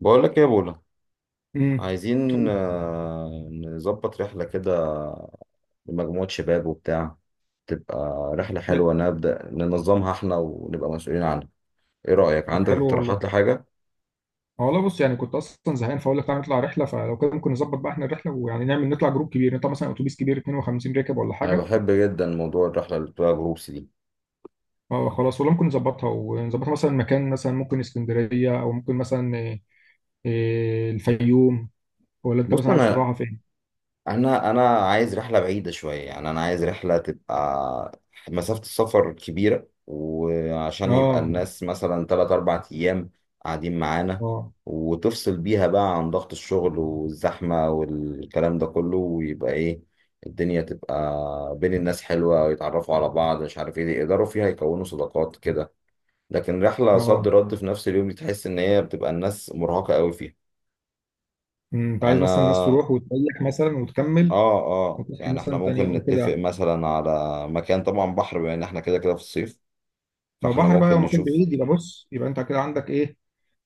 بقول لك ايه يا بولا؟ امم عايزين طب نظبط رحلة كده لمجموعة شباب وبتاع. تبقى رحلة حلو حلوة نبدأ ننظمها احنا ونبقى مسؤولين عنها. ايه رأيك؟ طب عندك حلو اقتراحات والله. لحاجة؟ اه والله، بص يعني كنت اصلا زهقان فاقول لك تعالى نطلع رحله، فلو كده ممكن نظبط بقى احنا الرحله، ويعني نعمل نطلع جروب كبير، نطلع مثلا اتوبيس كبير 52 راكب ولا انا حاجه. بحب جدا موضوع الرحلة اللي بتبقى جروبس دي. اه خلاص والله ممكن نظبطها مثلا مكان، مثلا ممكن اسكندريه او ممكن مثلا إيه، الفيوم، ولا انت بص مثلا عايز انا تروحها فين؟ انا انا عايز رحله بعيده شويه، يعني انا عايز رحله تبقى مسافه السفر كبيره، وعشان يبقى اه الناس مثلا 3 4 ايام قاعدين معانا، اه وتفصل بيها بقى عن ضغط الشغل والزحمه والكلام ده كله، ويبقى ايه، الدنيا تبقى بين الناس حلوه ويتعرفوا على بعض، مش عارف ايه، يقدروا فيها يكونوا صداقات كده. لكن رحله صد اه. رد في نفس اليوم دي تحس ان هي بتبقى الناس مرهقه قوي فيها. أمم، انت عايز انا، مثلا الناس تروح وتريح مثلا وتكمل اه، اه، وتصحى يعني احنا مثلا تاني ممكن يوم نتفق وكده. مثلا على مكان، طبعا بحر بما ان احنا كده كده في الصيف، ما فاحنا بحر بقى، لو ممكن مكان نشوف. بعيد يبقى بص يبقى انت كده عندك ايه.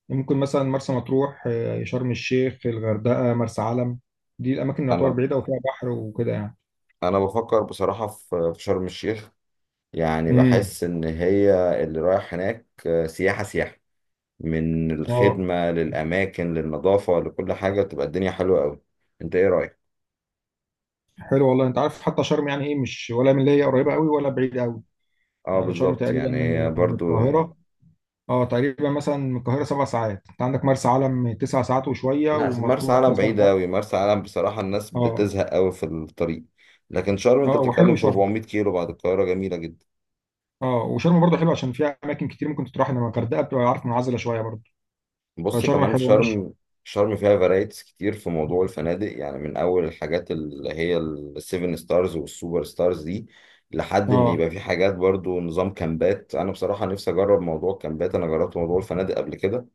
ممكن مثلا مرسى مطروح، آه، شرم الشيخ، الغردقة، مرسى علم. دي الأماكن اللي تعتبر انا بعيدة وفيها بحر وكده يعني. انا بفكر بصراحة في شرم الشيخ، يعني امم بحس ان هي اللي رايح هناك، سياحة سياحة، من اه الخدمة للأماكن للنظافة لكل حاجة بتبقى الدنيا حلوة أوي. أنت إيه رأيك؟ حلو والله، أنت عارف حتى شرم يعني إيه مش ولا من اللي هي قريبة قوي ولا بعيدة قوي. أه يعني شرم بالظبط، تقريبا يعني من هي من برضو، القاهرة. اه تقريبا مثلا من القاهرة سبع ساعات، أنت عندك مرسى علم تسع ساعات وشوية، لا، أصل مرسى ومطروح علم مثلا بعيدة أوي، مرسى علم بصراحة الناس اه. بتزهق أوي في الطريق. لكن شرم أنت اه بتتكلم وحلو في شرم. 400 كيلو بعد القاهرة، جميلة جدا. اه وشرم برضه حلو عشان فيها أماكن كتير ممكن تروح، إنما الغردقة بتبقى عارف منعزلة شوية برضه. بصي، فشرم كمان في حلوة ماشي. شرم، شرم فيها فرايتيز كتير في موضوع الفنادق، يعني من اول الحاجات اللي هي السيفن ستارز والسوبر ستارز دي لحد ان اه يبقى في حاجات برضو نظام كامبات. انا بصراحة نفسي اجرب موضوع الكامبات، انا جربت موضوع الفنادق قبل كده.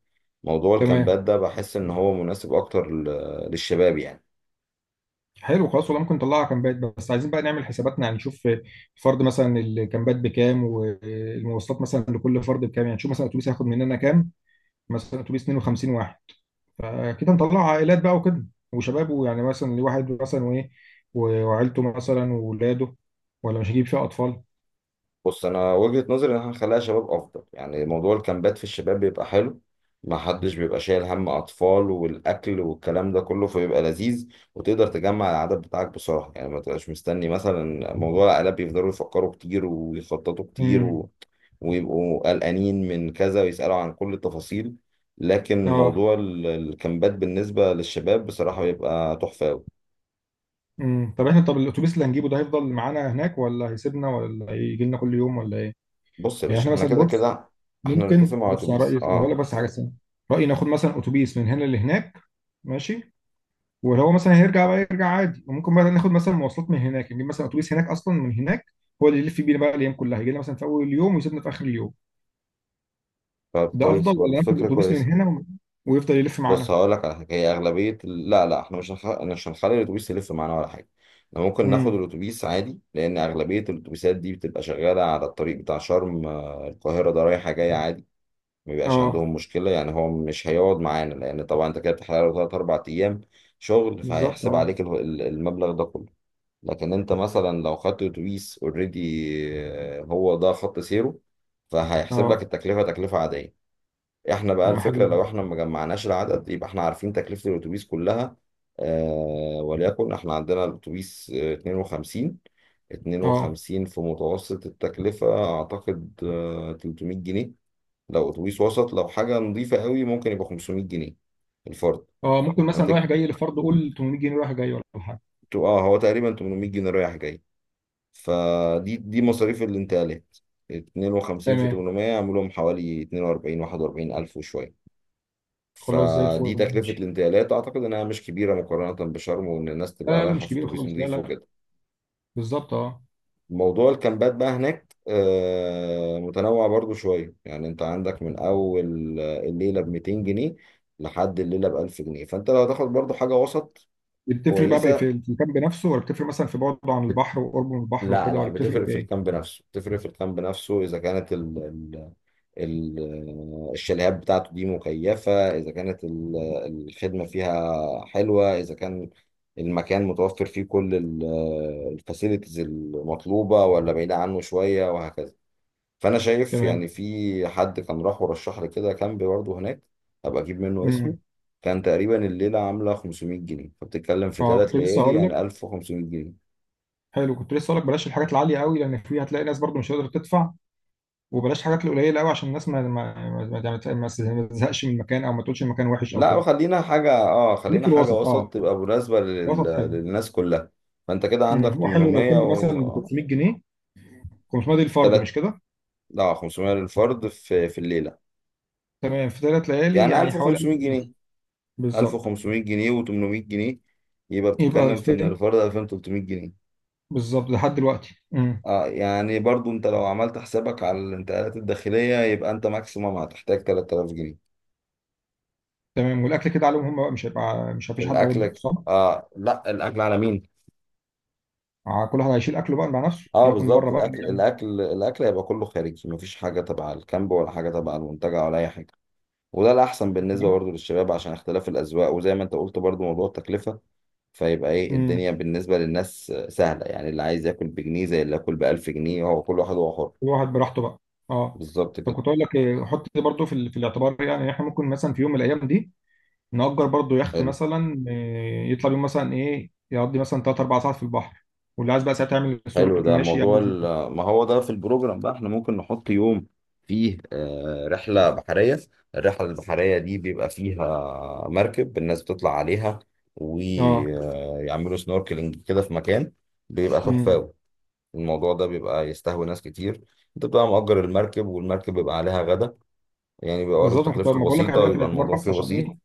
موضوع تمام الكامبات ده بحس ان هو مناسب اكتر للشباب يعني. حلو. خلاص والله ممكن نطلعها كامبات، بس عايزين بقى نعمل حساباتنا، يعني نشوف الفرد مثلا الكامبات بكام، والمواصلات مثلا لكل فرد بكام، يعني نشوف مثلا اتوبيس هياخد مننا كام. مثلا اتوبيس 52 واحد. فكده نطلع عائلات بقى وكده وشباب، ويعني مثلا لواحد مثلا، وايه، وعيلته مثلا وولاده، ولا مش هجيب فيها اطفال. بص، انا وجهة نظري ان احنا نخليها شباب افضل، يعني موضوع الكامبات في الشباب بيبقى حلو، ما حدش بيبقى شايل هم اطفال والاكل والكلام ده كله، فبيبقى لذيذ. وتقدر تجمع العدد بتاعك بسرعة، يعني ما تبقاش مستني، مثلا موضوع العائلات بيفضلوا يفكروا كتير ويخططوا كتير امم. ويبقوا قلقانين من كذا ويسألوا عن كل التفاصيل. لكن اه. موضوع الكامبات بالنسبة للشباب بصراحة بيبقى تحفة أوي. طب احنا طب الاتوبيس اللي هنجيبه ده هيفضل معانا هناك، ولا هيسيبنا، ولا هيجي لنا كل يوم، ولا ايه؟ بص يا يعني باشا، احنا احنا مثلا كده بص، كده احنا نتفق ممكن مع بص على اتوبيس، رأيي، لو أقول لك اه. بس حاجة سنة، رأيي ناخد مثلا أتوبيس من هنا لهناك ماشي، وهو مثلا هيرجع بقى يرجع عادي، وممكن بقى ناخد مثلا مواصلات من هناك، نجيب مثلا أتوبيس هناك أصلا، من هناك هو اللي يلف بينا بقى الأيام كلها، يجي لنا مثلا في أول اليوم ويسيبنا في آخر اليوم. طب ده أفضل كويس، برضه ولا ناخد فكرة الأتوبيس من كويسة. هنا ويفضل يلف بص معانا؟ هقول لك على حاجة، هي أغلبية لا لا، احنا مش هنخلي الأتوبيس يلف معانا ولا حاجة. احنا ممكن ناخد امم. الأتوبيس عادي لأن أغلبية الأتوبيسات دي بتبقى شغالة على الطريق بتاع شرم، القاهرة، ده رايحة جاية عادي، ما بيبقاش اه عندهم مشكلة. يعني هو مش هيقعد معانا لأن طبعا أنت كده بتحرق له تلات أربع أيام شغل، بالظبط فهيحسب اه عليك المبلغ ده كله. لكن أنت مثلا لو خدت أتوبيس أوريدي، هو ده خط سيره، فهيحسب لك اه. التكلفة تكلفة عادية. احنا بقى طب ما حلو الفكرة لو ده. احنا ما جمعناش العدد يبقى احنا عارفين تكلفة الأتوبيس كلها. آه، وليكن احنا عندنا الأتوبيس، 52، اه. 52 في متوسط التكلفة أعتقد 300 جنيه، لو أتوبيس وسط. لو حاجة نظيفة قوي ممكن يبقى 500 جنيه الفرد. اه ممكن مثلا هتك- رايح جاي، لفرض قول 800 جنيه رايح جاي ولا حاجة. اه، هو تقريبا 800 جنيه رايح جاي، فدي مصاريف الانتقالات. 52 في تمام 800 يعملهم حوالي 42 41 ألف وشوية. خلاص زي الفل فدي تكلفة ماشي. الانتقالات، أعتقد إنها مش كبيرة مقارنة بشرم، وإن الناس لا تبقى لا لا، رايحة مش في كبير أتوبيس خالص لا نظيف لا. وكده. بالظبط اه. موضوع الكامبات بقى هناك متنوع برضو شوية، يعني أنت عندك من أول الليلة ب 200 جنيه لحد الليلة ب 1000 جنيه، فأنت لو هتاخد برضو حاجة وسط دي بتفرق بقى كويسة. في المكان بنفسه، ولا بتفرق مثلا في بعده عن بت... البحر وقربه من البحر لا وكده، لا، ولا بتفرق بتفرق في في ايه؟ الكامب نفسه، بتفرق في الكامب نفسه، إذا كانت الشاليهات بتاعته دي مكيفة، إذا كانت الخدمة فيها حلوة، إذا كان المكان متوفر فيه كل الفاسيلتيز المطلوبة ولا بعيدة عنه شوية وهكذا. فأنا شايف يعني، تمام. في حد كان راح ورشح لي كده كامب برضه هناك، هبقى أجيب منه اسمه. امم. كان تقريبا الليلة عاملة 500 جنيه، فبتتكلم في اه تلات كنت لسه ليالي هقول لك. يعني 1500 جنيه. حلو كنت لسه هقول لك بلاش الحاجات العاليه قوي، لان في هتلاقي ناس برضو مش قادره تدفع، وبلاش الحاجات القليله قوي عشان الناس ما تزهقش من المكان، او ما تقولش المكان وحش او لا، كده. وخلينا حاجة، اه، خليك خلينا في حاجة الوسط وسط اه. تبقى مناسبة لل... الوسط حلو. للناس كلها. فانت كده عندك هو حلو لو 800 كان مثلا و ب آه، 500 جنيه. 500 دي في الفرد مش تلات، كده؟ لا، 500 للفرد في الليلة، تمام، في ثلاث ليالي يعني يعني حوالي 1000 1500 ونص. جنيه بالظبط، 1500 جنيه و800 جنيه، يبقى يبقى بتتكلم في ان 2000. الفرد 2300 جنيه. بالظبط لحد دلوقتي، مم. اه، يعني برضو انت لو عملت حسابك على الانتقالات الداخلية يبقى انت ماكسيمم هتحتاج 3000 جنيه. تمام، والاكل كده عليهم هم بقى، مش هيبقى، مش مفيش حد هيطبخ الاكلك، صح؟ اه، لا، الاكل على مين؟ كل واحد هيشيل اكله بقى مع نفسه، اه ياكل من بالظبط، بره بقى الاكل يعني. الاكل الاكل هيبقى كله خارجي، مفيش حاجه تبع الكامب ولا حاجه تبع المنتجع ولا اي حاجه، وده الاحسن بالنسبه برضو للشباب عشان اختلاف الاذواق، وزي ما انت قلت برضو موضوع التكلفه، فيبقى ايه، امم. الدنيا بالنسبه للناس سهله، يعني اللي عايز ياكل بجنيه زي اللي ياكل بألف جنيه، هو كل واحد هو حر. كل واحد براحته بقى. اه. بالظبط طب كده. كنت اقول لك إيه، حط دي برضه في الاعتبار، يعني إن احنا ممكن مثلا في يوم من الايام دي نأجر برضه يخت حلو، مثلا، إيه، يطلع بيهم مثلا ايه، يقضي مثلا 3 4 ساعات في البحر، واللي عايز بقى ساعتها يعمل حلو سنوركل ده ماشي موضوع يعني. ما هو ده في البروجرام، بقى احنا ممكن نحط يوم فيه رحلة بحرية. الرحلة البحرية دي بيبقى فيها مركب الناس بتطلع عليها اه. ويعملوا سنوركلينج كده في مكان، بيبقى تحفة امم. أوي. الموضوع ده بيبقى يستهوي ناس كتير، انت بتبقى مأجر المركب والمركب بيبقى عليها غدا، يعني بيبقى برضه بالظبط، ما كنت تكلفته ما بقول لك بسيطة اعملها في ويبقى الاعتبار الموضوع بس فيه عشان بسيط. ايه.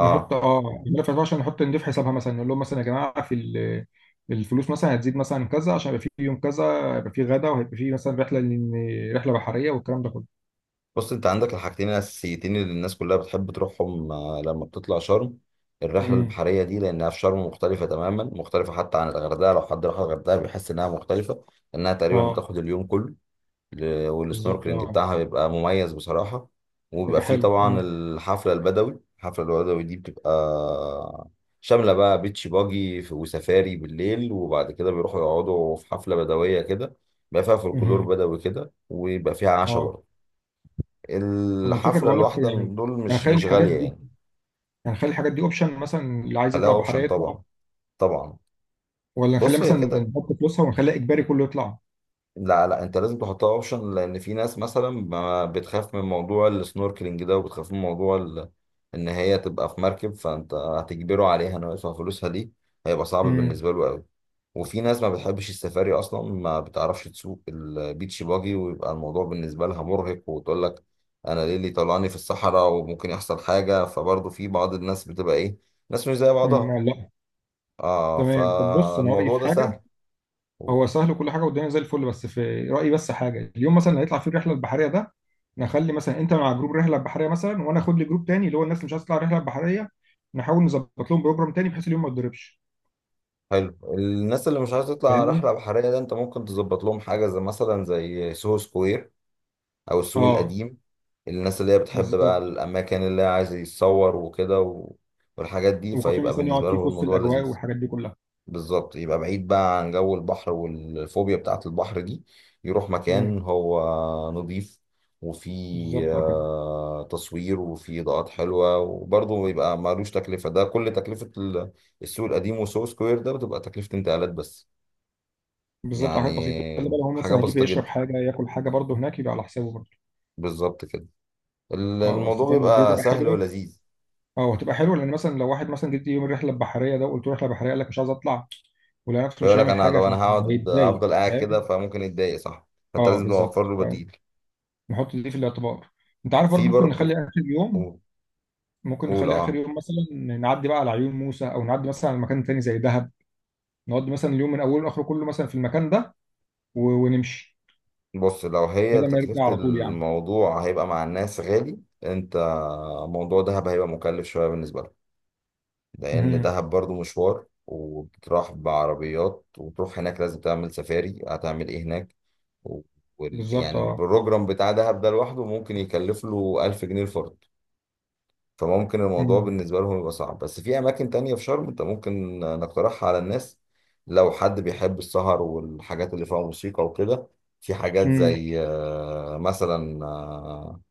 نحط اه الملف 14، نحط نضيف حسابها مثلا، نقول لهم مثلا يا جماعه الفلوس مثلا هتزيد مثلا كذا، عشان يبقى في يوم كذا هيبقى في غدا، وهيبقى في مثلا رحله رحله بحريه والكلام ده كله. بص انت عندك الحاجتين الاساسيتين اللي الناس كلها بتحب تروحهم، لما بتطلع شرم. الرحله امم. البحريه دي لانها في شرم مختلفه تماما، مختلفه حتى عن الغردقه، لو حد راح الغردقه بيحس انها مختلفه، لانها تقريبا اه بتاخد اليوم كله. بالظبط والسنوركلينج اه. بتاعها بيبقى مميز بصراحه. وبيبقى يبقى فيه حلو. طبعا امم. الحفله البدوي. الحفله البدوي دي بتبقى شامله بقى بيتش باجي وسفاري بالليل، وبعد كده بيروحوا يقعدوا في حفله بدويه كده، بيبقى فيها فولكلور أمم. بدوي كده ويبقى فيها عشاء اه برضه. طب الفكره الحفلة بقول لك الواحدة من يعني، دول مش هنخلي مش الحاجات غالية دي يعني. هنخلي الحاجات دي اوبشن مثلا، اللي عايز خليها يطلع بحريه اوبشن يطلع، طبعا، طبعا. ولا نخليها بص هي مثلا، كده، نحط فلوسها ونخليها اجباري كله يطلع. لا لا، انت لازم تحطها اوبشن لان في ناس مثلا بتخاف من موضوع السنوركلينج ده، وبتخاف من موضوع ان هي تبقى في مركب، فانت هتجبره عليها انه يدفع فلوسها دي، هيبقى صعب امم. بالنسبه له قوي. وفي ناس ما بتحبش السفاري اصلا، ما بتعرفش تسوق البيتش باجي، ويبقى الموضوع بالنسبه لها مرهق، وتقول لك انا ليه اللي طلعني في الصحراء وممكن يحصل حاجه، فبرضه في بعض الناس بتبقى ايه، ناس مش زي بعضها. أمم، لا. اه، تمام، طب بص انا رايي فالموضوع في ده حاجه. سهل. هو سهل وكل حاجه والدنيا زي الفل، بس في رايي بس حاجه، اليوم مثلا اللي هيطلع فيه الرحله البحريه ده، نخلي مثلا انت مع جروب رحله بحريه مثلا، وانا اخد لي جروب تاني اللي هو الناس اللي مش عايزه تطلع رحله بحريه، نحاول نظبط لهم بروجرام تاني بحيث اليوم ما يتضربش. حلو، الناس اللي مش عايزه تطلع فاهمني. رحله بحريه ده انت ممكن تظبط لهم حاجه زي، مثلا، زي سوهو سكوير او السوق اه القديم، الناس اللي هي بتحب بقى بالظبط. الاماكن اللي هي عايز يتصور وكده والحاجات دي، وكافيه فيبقى مثلا يقعد بالنسبه فيه لهم في وسط الموضوع الاجواء لذيذ. والحاجات دي كلها. بالظبط يبقى بعيد بقى عن جو البحر والفوبيا بتاعت البحر دي، يروح مكان امم. هو نظيف وفيه بالظبط اه كده. تصوير وفيه إضاءات حلوة، وبرضه يبقى مالوش تكلفة، ده كل تكلفة السوق القديم وسو سكوير ده بتبقى تكلفة انتقالات بس، بالظبط، يعني حاجات بسيطه، خلي بالك هو حاجة مثلا هيجيب بسيطة يشرب جدا. حاجه، ياكل حاجه برضه هناك يبقى على حسابه برضه. بالظبط كده. اه بس الموضوع فاهم، دي بيبقى تبقى سهل حلوه. ولذيذ. اه هتبقى حلوه لان مثلا لو واحد مثلا جيت يوم الرحله البحريه ده وقلت له رحله بحريه قال لك مش عايز اطلع، ولو نفسه مش فيقول لك هيعمل أنا، طب حاجه. أنا هقعد، هيتضايق هفضل قاعد كده، فاهم. فممكن يتضايق، صح؟ فأنت اه لازم توفر بالظبط له فاهم. بديل. نحط دي في الاعتبار. انت عارف برضو في برضه، قول، ممكن قول، نخلي اخر اه. يوم مثلا نعدي بقى على عيون موسى، او نعدي مثلا على مكان تاني زي دهب. نقعد مثلا اليوم من اوله لاخره كله مثلا في المكان ده ونمشي بص لو هي بدل ما نرجع تكلفة على طول يعني. الموضوع هيبقى مع الناس غالي. انت موضوع دهب هيبقى مكلف شوية بالنسبة لك، لأن امم. دهب برضو مشوار، وبتروح بعربيات وتروح هناك لازم تعمل سفاري، هتعمل ايه هناك، و... بالظبط يعني اه. البروجرام بتاع دهب ده لوحده ممكن يكلف له 1000 جنيه الفرد. فممكن الموضوع امم. بالنسبة لهم يبقى صعب، بس في أماكن تانية في شرم أنت ممكن نقترحها على الناس. لو حد بيحب السهر والحاجات اللي فيها موسيقى وكده، في حاجات امم. زي، مثلا آه،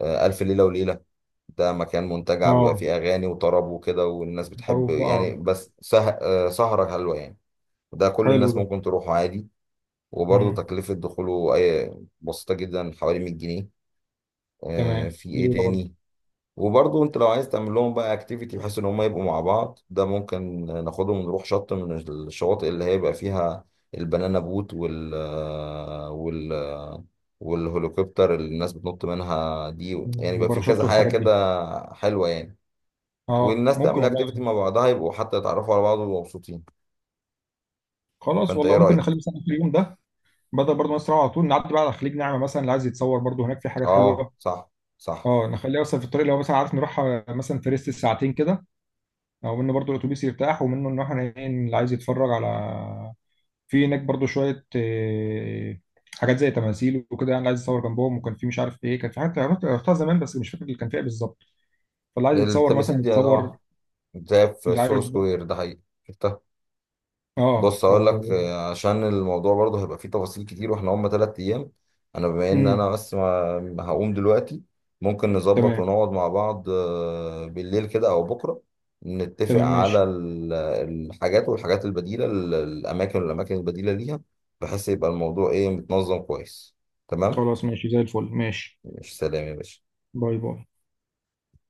آه، ألف ليلة وليلة، ده مكان منتجع بيبقى اه. فيه أغاني وطرب وكده والناس بتحب معروف ده يعني، اه. بس سهرة حلوة يعني. ده كل حلو الناس ده. ممكن تروحه عادي، وبرضه امم. تكلفة دخوله أي بسيطة جدا، حوالي 100 جنيه. تمام. في إيه حلو ده برضه. تاني. وبرضه انت لو عايز تعمل لهم بقى اكتيفيتي بحيث ان هم يبقوا مع بعض، ده ممكن ناخدهم ونروح شط من الشواطئ اللي هيبقى فيها البنانا بوت، وال والهليكوبتر اللي الناس بتنط منها دي، مم. يعني يبقى في وباراشوت كذا حاجة والحاجات دي. كده حلوة يعني، اه والناس ممكن تعمل والله اكتيفيتي يعني. مع بعضها يبقوا حتى يتعرفوا على بعض ويبقوا مبسوطين. خلاص فانت ايه والله ممكن نخلي رأيك؟ مثلا اخر يوم ده، بدل برضه مصر على طول نعدي بقى على خليج نعمة مثلا، اللي عايز يتصور برضه هناك في حاجات اه حلوة. صح، صح، اه نخليها مثلا في الطريق، لو مثلا عارف نروح مثلا في ريست ساعتين كده، او منه برضه الاتوبيس يرتاح، ومنه ان احنا ايه اللي عايز يتفرج على. في هناك برضه شوية آه، حاجات زي تماثيل وكده يعني، اللي عايز يتصور جنبهم. وكان في مش عارف ايه، كان في حاجات رحتها زمان بس مش فاكر اللي كان فيها بالظبط. فاللي عايز يتصور مثلا التماثيل دي، يتصور. اه، زي في اللي سو عايز بقى. سكوير ده، حقيقي شفتها. اه بص اقول لك و... عشان الموضوع برضه هيبقى فيه تفاصيل كتير واحنا هم تلات ايام، انا بما ان مم. انا بس هقوم دلوقتي، ممكن نظبط تمام. ونقعد مع بعض بالليل كده او بكره، نتفق تمام على ماشي. الحاجات والحاجات البديله، الاماكن والاماكن البديله ليها، بحيث يبقى الموضوع ايه، متنظم كويس. تمام. خلاص ماشي زي الفل ماشي. مش سلام يا باشا. باي باي.